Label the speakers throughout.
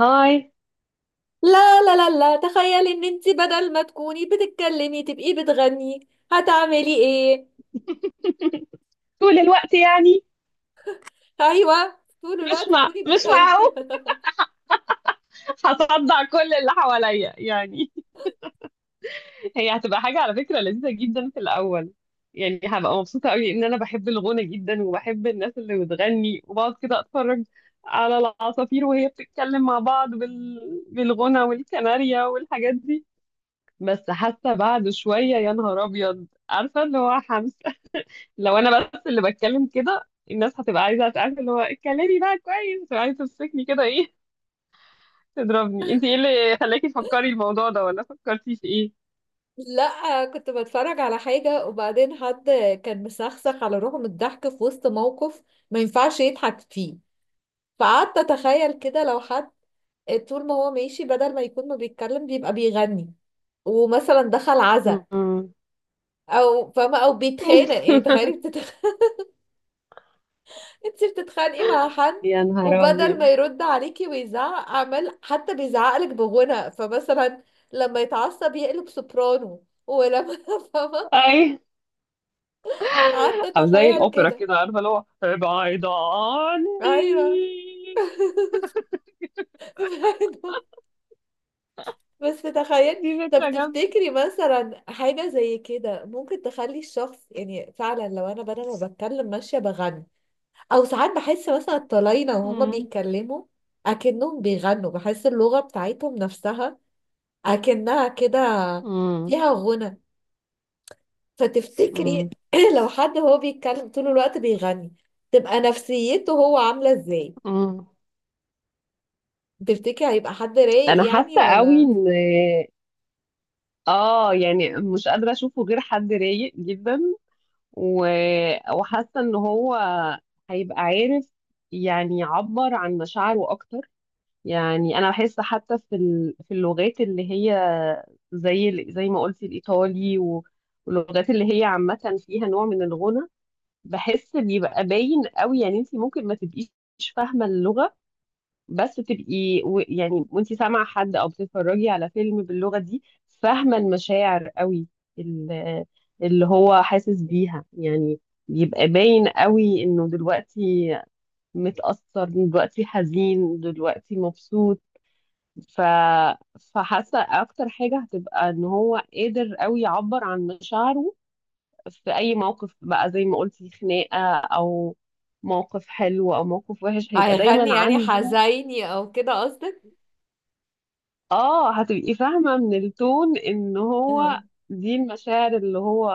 Speaker 1: هاي.
Speaker 2: لا لا لا لا، تخيلي ان انت بدل ما تكوني بتتكلمي تبقي بتغني هتعملي ايه؟
Speaker 1: طول الوقت يعني.
Speaker 2: ايوه طول الوقت تكوني
Speaker 1: مش
Speaker 2: بتغني.
Speaker 1: معقول. هصدع كل اللي حواليا يعني. هي هتبقى حاجة على فكرة لذيذة جدا في الأول، يعني هبقى مبسوطة قوي إن أنا بحب الغنى جدا وبحب الناس اللي بتغني، وبقعد كده أتفرج على العصافير وهي بتتكلم مع بعض بالغنى والكناريا والحاجات دي. بس حتى بعد شوية، يا نهار أبيض، عارفة اللي هو حمس. لو أنا بس اللي بتكلم كده، الناس هتبقى عايزة تعرف اللي هو اتكلمي بقى كويس، وعايزة تمسكني كده، إيه تضربني. انت ايه اللي خلاكي تفكري الموضوع ده؟ ولا فكرتي في ايه؟
Speaker 2: لا، كنت بتفرج على حاجة وبعدين حد كان مسخسخ على روحه من الضحك في وسط موقف ما ينفعش يضحك فيه، فقعدت اتخيل كده لو حد طول ما هو ماشي بدل ما يكون ما بيتكلم بيبقى بيغني، ومثلا دخل عزا
Speaker 1: مم.
Speaker 2: او فاهمة او بيتخانق. يعني تخيلي انتي بتتخانقي مع حد
Speaker 1: يا نهار
Speaker 2: وبدل
Speaker 1: أبيض.
Speaker 2: ما يرد عليكي ويزعق عمال حتى بيزعقلك بغنى، فمثلا لما يتعصب يقلب سوبرانو ولما فاهمة.
Speaker 1: اي.
Speaker 2: قعدت
Speaker 1: او زي
Speaker 2: اتخيل
Speaker 1: الاوبرا
Speaker 2: كده.
Speaker 1: كده، عارفه اللي هو ابعد
Speaker 2: ايوه.
Speaker 1: عني.
Speaker 2: فاهمة؟ بس تخيل.
Speaker 1: دي
Speaker 2: طب
Speaker 1: فكره جامده
Speaker 2: تفتكري
Speaker 1: جدا.
Speaker 2: مثلا حاجة زي كده ممكن تخلي الشخص يعني فعلا لو انا بدل ما بتكلم ماشية بغني، او ساعات بحس مثلا الطلاينة وهما
Speaker 1: مم.
Speaker 2: بيتكلموا اكنهم بيغنوا، بحس اللغة بتاعتهم نفسها اكنها كده
Speaker 1: مم.
Speaker 2: فيها غنى. فتفتكري
Speaker 1: مم.
Speaker 2: لو حد هو بيتكلم طول الوقت بيغني تبقى نفسيته هو عاملة ازاي؟
Speaker 1: مم.
Speaker 2: تفتكري هيبقى حد رايق
Speaker 1: أنا
Speaker 2: يعني
Speaker 1: حاسة قوي
Speaker 2: ولا
Speaker 1: إن يعني مش قادرة أشوفه غير حد رايق جدا. و... وحاسة إن هو هيبقى عارف، يعني يعبر عن مشاعره أكتر. يعني انا بحس حتى في اللغات اللي هي زي ما قلتي الايطالي واللغات اللي هي عامه فيها نوع من الغنى. بحس بيبقى باين قوي، يعني انت ممكن ما تبقيش فاهمه اللغه، بس تبقي يعني وانت سامعه حد او بتتفرجي على فيلم باللغه دي، فاهمه المشاعر قوي ال- اللي هو حاسس بيها، يعني بيبقى باين قوي انه دلوقتي متأثر، دلوقتي حزين، دلوقتي مبسوط. ف... فحاسه اكتر حاجه هتبقى ان هو قادر قوي يعبر عن مشاعره في اي موقف بقى، زي ما قلتي خناقه او موقف حلو او موقف وحش، هيبقى
Speaker 2: هيغني
Speaker 1: دايما
Speaker 2: يعني
Speaker 1: عنده.
Speaker 2: حزيني او كده قصدك؟
Speaker 1: اه هتبقي فاهمه من التون ان هو
Speaker 2: آه.
Speaker 1: دي المشاعر اللي هو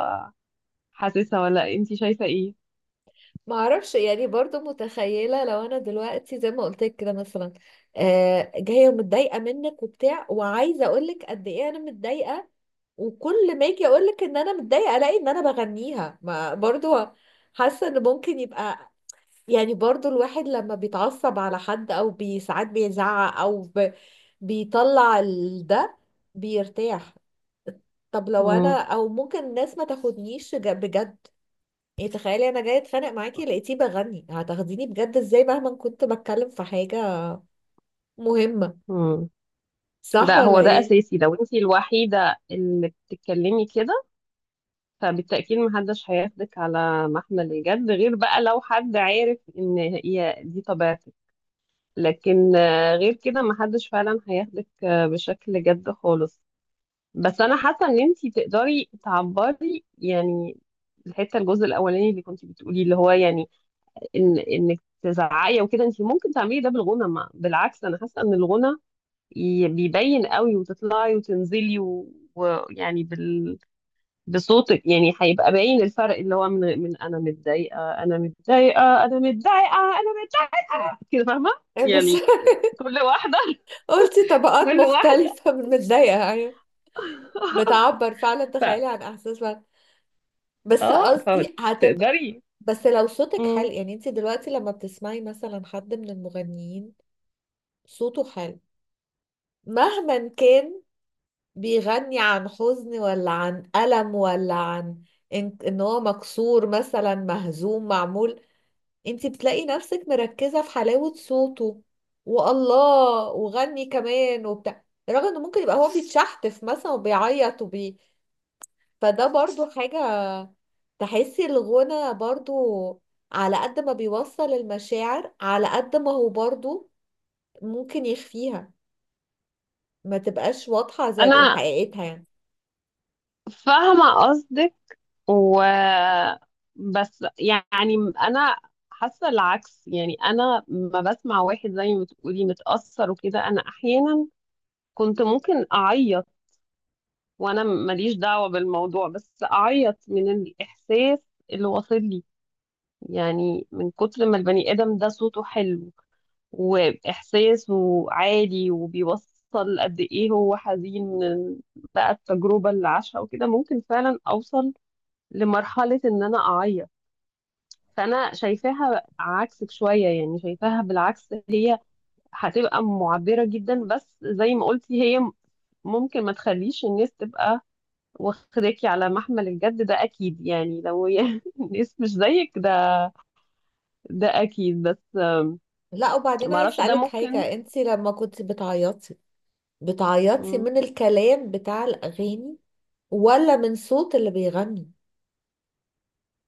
Speaker 1: حاسسها. ولا انتي شايفه ايه؟
Speaker 2: ما اعرفش، يعني برضو متخيلة لو انا دلوقتي زي ما قلت لك كده، مثلا آه جاية متضايقة منك وبتاع وعايزة اقولك قد ايه انا متضايقة، وكل ما اجي اقول لك ان انا متضايقه الاقي ان انا بغنيها. ما برضو حاسه ان ممكن يبقى، يعني برضو الواحد لما بيتعصب على حد او ساعات بيزعق او بيطلع ده بيرتاح. طب لو انا
Speaker 1: مم.
Speaker 2: او ممكن الناس ما تاخدنيش بجد، يعني تخيلي انا جايه اتخانق معاكي لقيتيه بغني، هتاخديني بجد ازاي مهما كنت بتكلم في حاجه مهمه؟
Speaker 1: مم.
Speaker 2: صح
Speaker 1: لا،
Speaker 2: ولا
Speaker 1: هو ده
Speaker 2: ايه؟
Speaker 1: اساسي. لو انتي الوحيده اللي بتتكلمي كده، فبالتأكيد محدش هياخدك على محمل الجد، غير بقى لو حد عارف ان هي دي طبيعتك. لكن آه، غير كده محدش فعلا هياخدك آه، بشكل جد خالص. بس انا حاسة ان انتي تقدري تعبري، يعني الحتة الجزء الاولاني اللي كنتي بتقولي اللي هو يعني ان انك تزعقي وكده، انتي ممكن تعملي ده بالغنى. ما بالعكس، انا حاسة ان الغنى بيبين قوي، وتطلعي وتنزلي ويعني بصوتك، يعني هيبقى باين الفرق اللي هو من انا متضايقه، انا متضايقه، انا متضايقه، انا متضايقه، كده فاهمه؟
Speaker 2: بس
Speaker 1: يعني كل واحده.
Speaker 2: قلتي طبقات
Speaker 1: كل واحده.
Speaker 2: مختلفه من متضايقه. أيوة. بتعبر فعلا،
Speaker 1: ف
Speaker 2: تخيلي، عن احساس بقى. بس
Speaker 1: اه
Speaker 2: قصدي هتبقى،
Speaker 1: فتقدري.
Speaker 2: بس لو صوتك حلو،
Speaker 1: مم.
Speaker 2: يعني انت دلوقتي لما بتسمعي مثلا حد من المغنيين صوته حلو، مهما كان بيغني عن حزن ولا عن ألم ولا عن إن هو مكسور مثلا مهزوم معمول، انت بتلاقي نفسك مركزة في حلاوة صوته والله وغني كمان وبتاع، رغم انه ممكن يبقى هو بيتشحتف مثلا وبيعيط فده برضو حاجة. تحسي الغنى برضو على قد ما بيوصل المشاعر على قد ما هو برضو ممكن يخفيها ما تبقاش واضحة زي
Speaker 1: انا
Speaker 2: حقيقتها، يعني.
Speaker 1: فاهمه قصدك. و بس يعني انا حاسه العكس، يعني انا ما بسمع واحد زي ما بتقولي متاثر وكده، انا احيانا كنت ممكن اعيط وانا ماليش دعوة بالموضوع، بس اعيط من الاحساس اللي واصل لي، يعني من كتر ما البني ادم ده صوته حلو واحساسه عالي، وبيوصل قد ايه هو حزين من بقى التجربة اللي عاشها وكده، ممكن فعلا اوصل لمرحلة ان انا اعيط. فانا شايفاها عكسك شوية، يعني شايفاها بالعكس. هي هتبقى معبرة جدا، بس زي ما قلتي هي ممكن ما تخليش الناس تبقى واخداكي على محمل الجد، ده اكيد، يعني لو يعني الناس مش زيك ده اكيد. بس
Speaker 2: لا، وبعدين
Speaker 1: ما
Speaker 2: عايز
Speaker 1: اعرفش، ده
Speaker 2: اسألك
Speaker 1: ممكن.
Speaker 2: حاجة، انتي لما كنت بتعيطي، بتعيطي
Speaker 1: مم.
Speaker 2: من الكلام بتاع الأغاني ولا من صوت اللي بيغني؟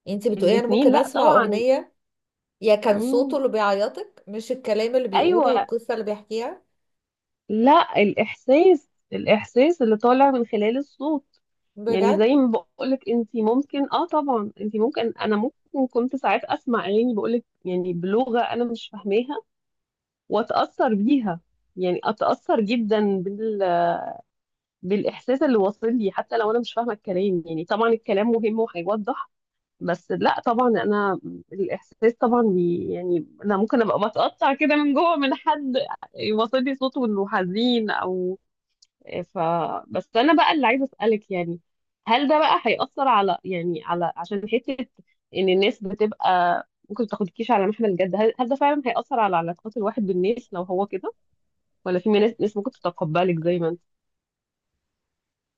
Speaker 2: انتي بتقولي انا
Speaker 1: الاتنين
Speaker 2: ممكن
Speaker 1: لا
Speaker 2: اسمع
Speaker 1: طبعا.
Speaker 2: أغنية، يا كان صوته
Speaker 1: مم.
Speaker 2: اللي بيعيطك مش الكلام اللي بيقوله
Speaker 1: ايوه.
Speaker 2: والقصة اللي بيحكيها؟
Speaker 1: لا، الاحساس، الاحساس اللي طالع من خلال الصوت. يعني
Speaker 2: بجد؟
Speaker 1: زي ما بقولك، انت ممكن اه طبعا انت ممكن انا ممكن كنت ساعات اسمع اغاني، بقولك يعني بلغة انا مش فاهماها واتاثر بيها، يعني اتاثر جدا بالاحساس اللي واصل لي، حتى لو انا مش فاهمه الكلام. يعني طبعا الكلام مهم وهيوضح، بس لا طبعا انا الاحساس طبعا بي، يعني انا ممكن ابقى بتقطع كده من جوه، من حد يوصل لي صوته انه حزين او ف بس انا بقى اللي عايزه اسالك، يعني هل ده بقى هيأثر على، يعني على عشان حته ان الناس بتبقى ممكن ما تاخدكيش على محمل الجد، هل ده فعلا هيأثر على علاقات الواحد بالناس لو هو كده؟ ولا في ناس ممكن تتقبلك زي ما انت.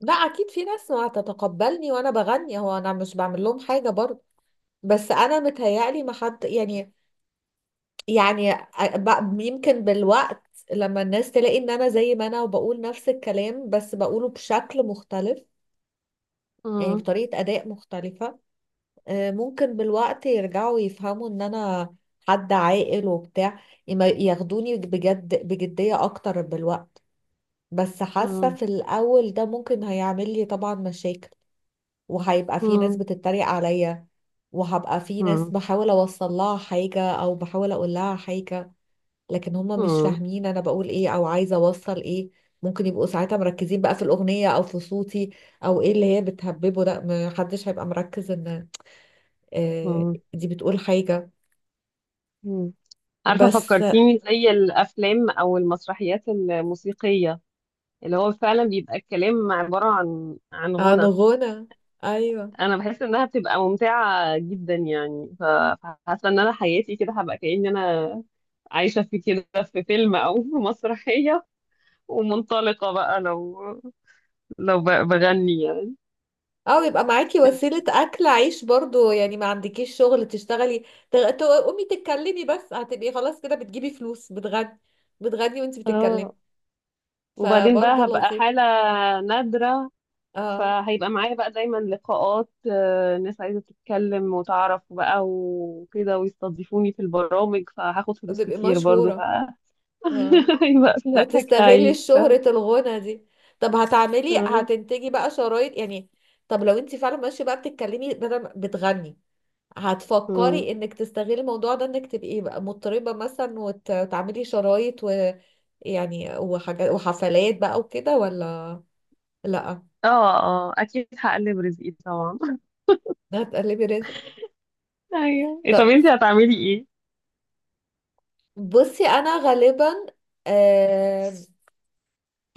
Speaker 2: لا اكيد في ناس ما هتتقبلني وانا بغني، هو انا مش بعمل لهم حاجة برضو، بس انا متهيألي ما حد، يعني، يعني يمكن بالوقت لما الناس تلاقي ان انا زي ما انا وبقول نفس الكلام بس بقوله بشكل مختلف، يعني
Speaker 1: مم.
Speaker 2: بطريقة اداء مختلفة، آه، ممكن بالوقت يرجعوا يفهموا ان انا حد عاقل وبتاع، ياخدوني بجد بجدية اكتر بالوقت. بس حاسة
Speaker 1: مم.
Speaker 2: في الاول ده ممكن هيعمل لي طبعا مشاكل، وهيبقى في ناس
Speaker 1: مم.
Speaker 2: بتتريق عليا، وهبقى في ناس
Speaker 1: مم.
Speaker 2: بحاول اوصل لها حاجة او بحاول اقول لها حاجة لكن هم مش
Speaker 1: مم.
Speaker 2: فاهمين انا بقول ايه او عايزة اوصل ايه. ممكن يبقوا ساعتها مركزين بقى في الأغنية او في صوتي او ايه اللي هي بتهببه ده، محدش هيبقى مركز ان آه،
Speaker 1: مم.
Speaker 2: دي بتقول حاجة.
Speaker 1: مم. عارفة،
Speaker 2: بس
Speaker 1: فكرتيني زي الأفلام أو المسرحيات الموسيقية، اللي هو فعلا بيبقى الكلام عبارة عن
Speaker 2: عن
Speaker 1: غنى.
Speaker 2: غنى. ايوه.
Speaker 1: أنا بحس إنها بتبقى ممتعة جدا، يعني فحاسة إن أنا حياتي كده هبقى كأني أنا عايشة في كده، في فيلم أو في مسرحية، ومنطلقة بقى، لو بغني يعني.
Speaker 2: اه يبقى معاكي وسيلة أكل عيش برضو، يعني ما عندكيش شغل تشتغلي، تقومي تتكلمي بس هتبقي خلاص كده بتجيبي فلوس، بتغني، بتغني وانت
Speaker 1: اه.
Speaker 2: بتتكلمي.
Speaker 1: وبعدين
Speaker 2: فبرضو
Speaker 1: بقى هبقى
Speaker 2: لطيف.
Speaker 1: حالة نادرة،
Speaker 2: اه
Speaker 1: فهيبقى معايا بقى دايما لقاءات، ناس عايزة تتكلم وتعرف بقى وكده، ويستضيفوني في البرامج، فهاخد فلوس
Speaker 2: بتبقي
Speaker 1: كتير برضو.
Speaker 2: مشهورة.
Speaker 1: فهيبقى
Speaker 2: اه،
Speaker 1: فيها أكل
Speaker 2: وتستغلي
Speaker 1: عيش، فاهم.
Speaker 2: شهرة الغنى دي. طب
Speaker 1: اه.
Speaker 2: هتنتجي بقى شرايط يعني؟ طب لو انت فعلا ماشية بقى بتتكلمي بدل بتغني،
Speaker 1: مم.
Speaker 2: هتفكري انك تستغلي الموضوع ده انك تبقي بقى مضطربة مثلا وتعملي شرايط ويعني وحاجات وحفلات بقى وكده ولا؟ لا.
Speaker 1: اه. آه، أكيد هقلب رزقي طبعا.
Speaker 2: هتقلبي رزق.
Speaker 1: أيوه إيه، طب
Speaker 2: طب
Speaker 1: انتي هتعملي ايه؟
Speaker 2: بصي انا غالبا، آه،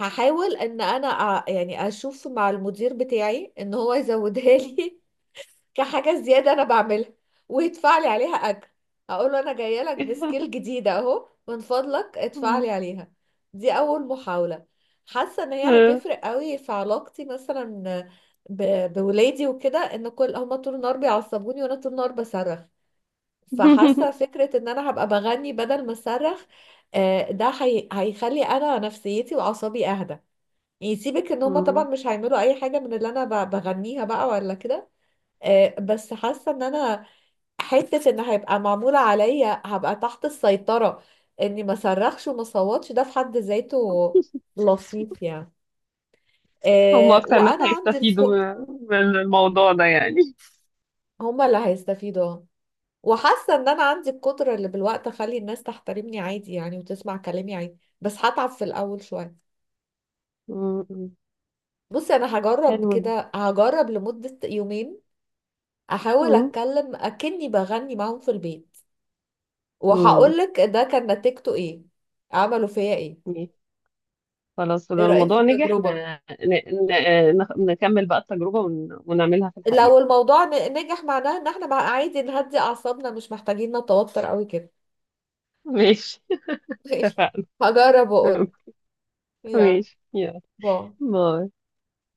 Speaker 2: هحاول ان انا يعني اشوف مع المدير بتاعي ان هو يزودها لي كحاجة زيادة أنا بعملها ويدفع لي عليها أجر. أقول له أنا جاية لك بسكيل جديدة أهو، من فضلك ادفع لي
Speaker 1: مم.
Speaker 2: عليها. دي أول محاولة. حاسة إن هي
Speaker 1: آه.
Speaker 2: هتفرق قوي في علاقتي مثلا ب... بولادي وكده، إن كل هما طول النهار بيعصبوني وأنا طول النهار بصرخ. فحاسة فكرة إن أنا هبقى بغني بدل ما أصرخ، آه، ده هيخلي أنا نفسيتي وأعصابي أهدى. يعني سيبك إن هما طبعا
Speaker 1: مم.
Speaker 2: مش هيعملوا أي حاجة من اللي أنا بغنيها بقى ولا كده، آه، بس حاسه ان انا حته ان هيبقى معمول عليا هبقى تحت السيطره، اني ما صرخش وما صوتش، ده في حد ذاته لطيف يعني.
Speaker 1: هم
Speaker 2: آه،
Speaker 1: أكتر ناس هيستفيدوا من الموضوع ده يعني.
Speaker 2: هما اللي هيستفيدوا. آه. وحاسه ان انا عندي القدره اللي بالوقت اخلي الناس تحترمني عادي يعني وتسمع كلامي عادي، بس هتعب في الاول شويه.
Speaker 1: مم.
Speaker 2: بصي انا هجرب
Speaker 1: حلو ده.
Speaker 2: كده، هجرب لمده يومين احاول
Speaker 1: مم.
Speaker 2: اتكلم اكني بغني معاهم في البيت، وهقول لك ده كان نتيجته ايه، عملوا فيا ايه.
Speaker 1: مم. خلاص،
Speaker 2: ايه
Speaker 1: لو
Speaker 2: رأيك في
Speaker 1: الموضوع نجح،
Speaker 2: التجربة؟
Speaker 1: احنا نكمل بقى التجربة ونعملها في الحقيقة.
Speaker 2: لو الموضوع نجح معناه ان احنا مع عادي نهدي اعصابنا مش محتاجين نتوتر قوي كده.
Speaker 1: ماشي. اتفقنا.
Speaker 2: هجرب واقول. يا،
Speaker 1: ماشي، يلا.
Speaker 2: باي.
Speaker 1: باي.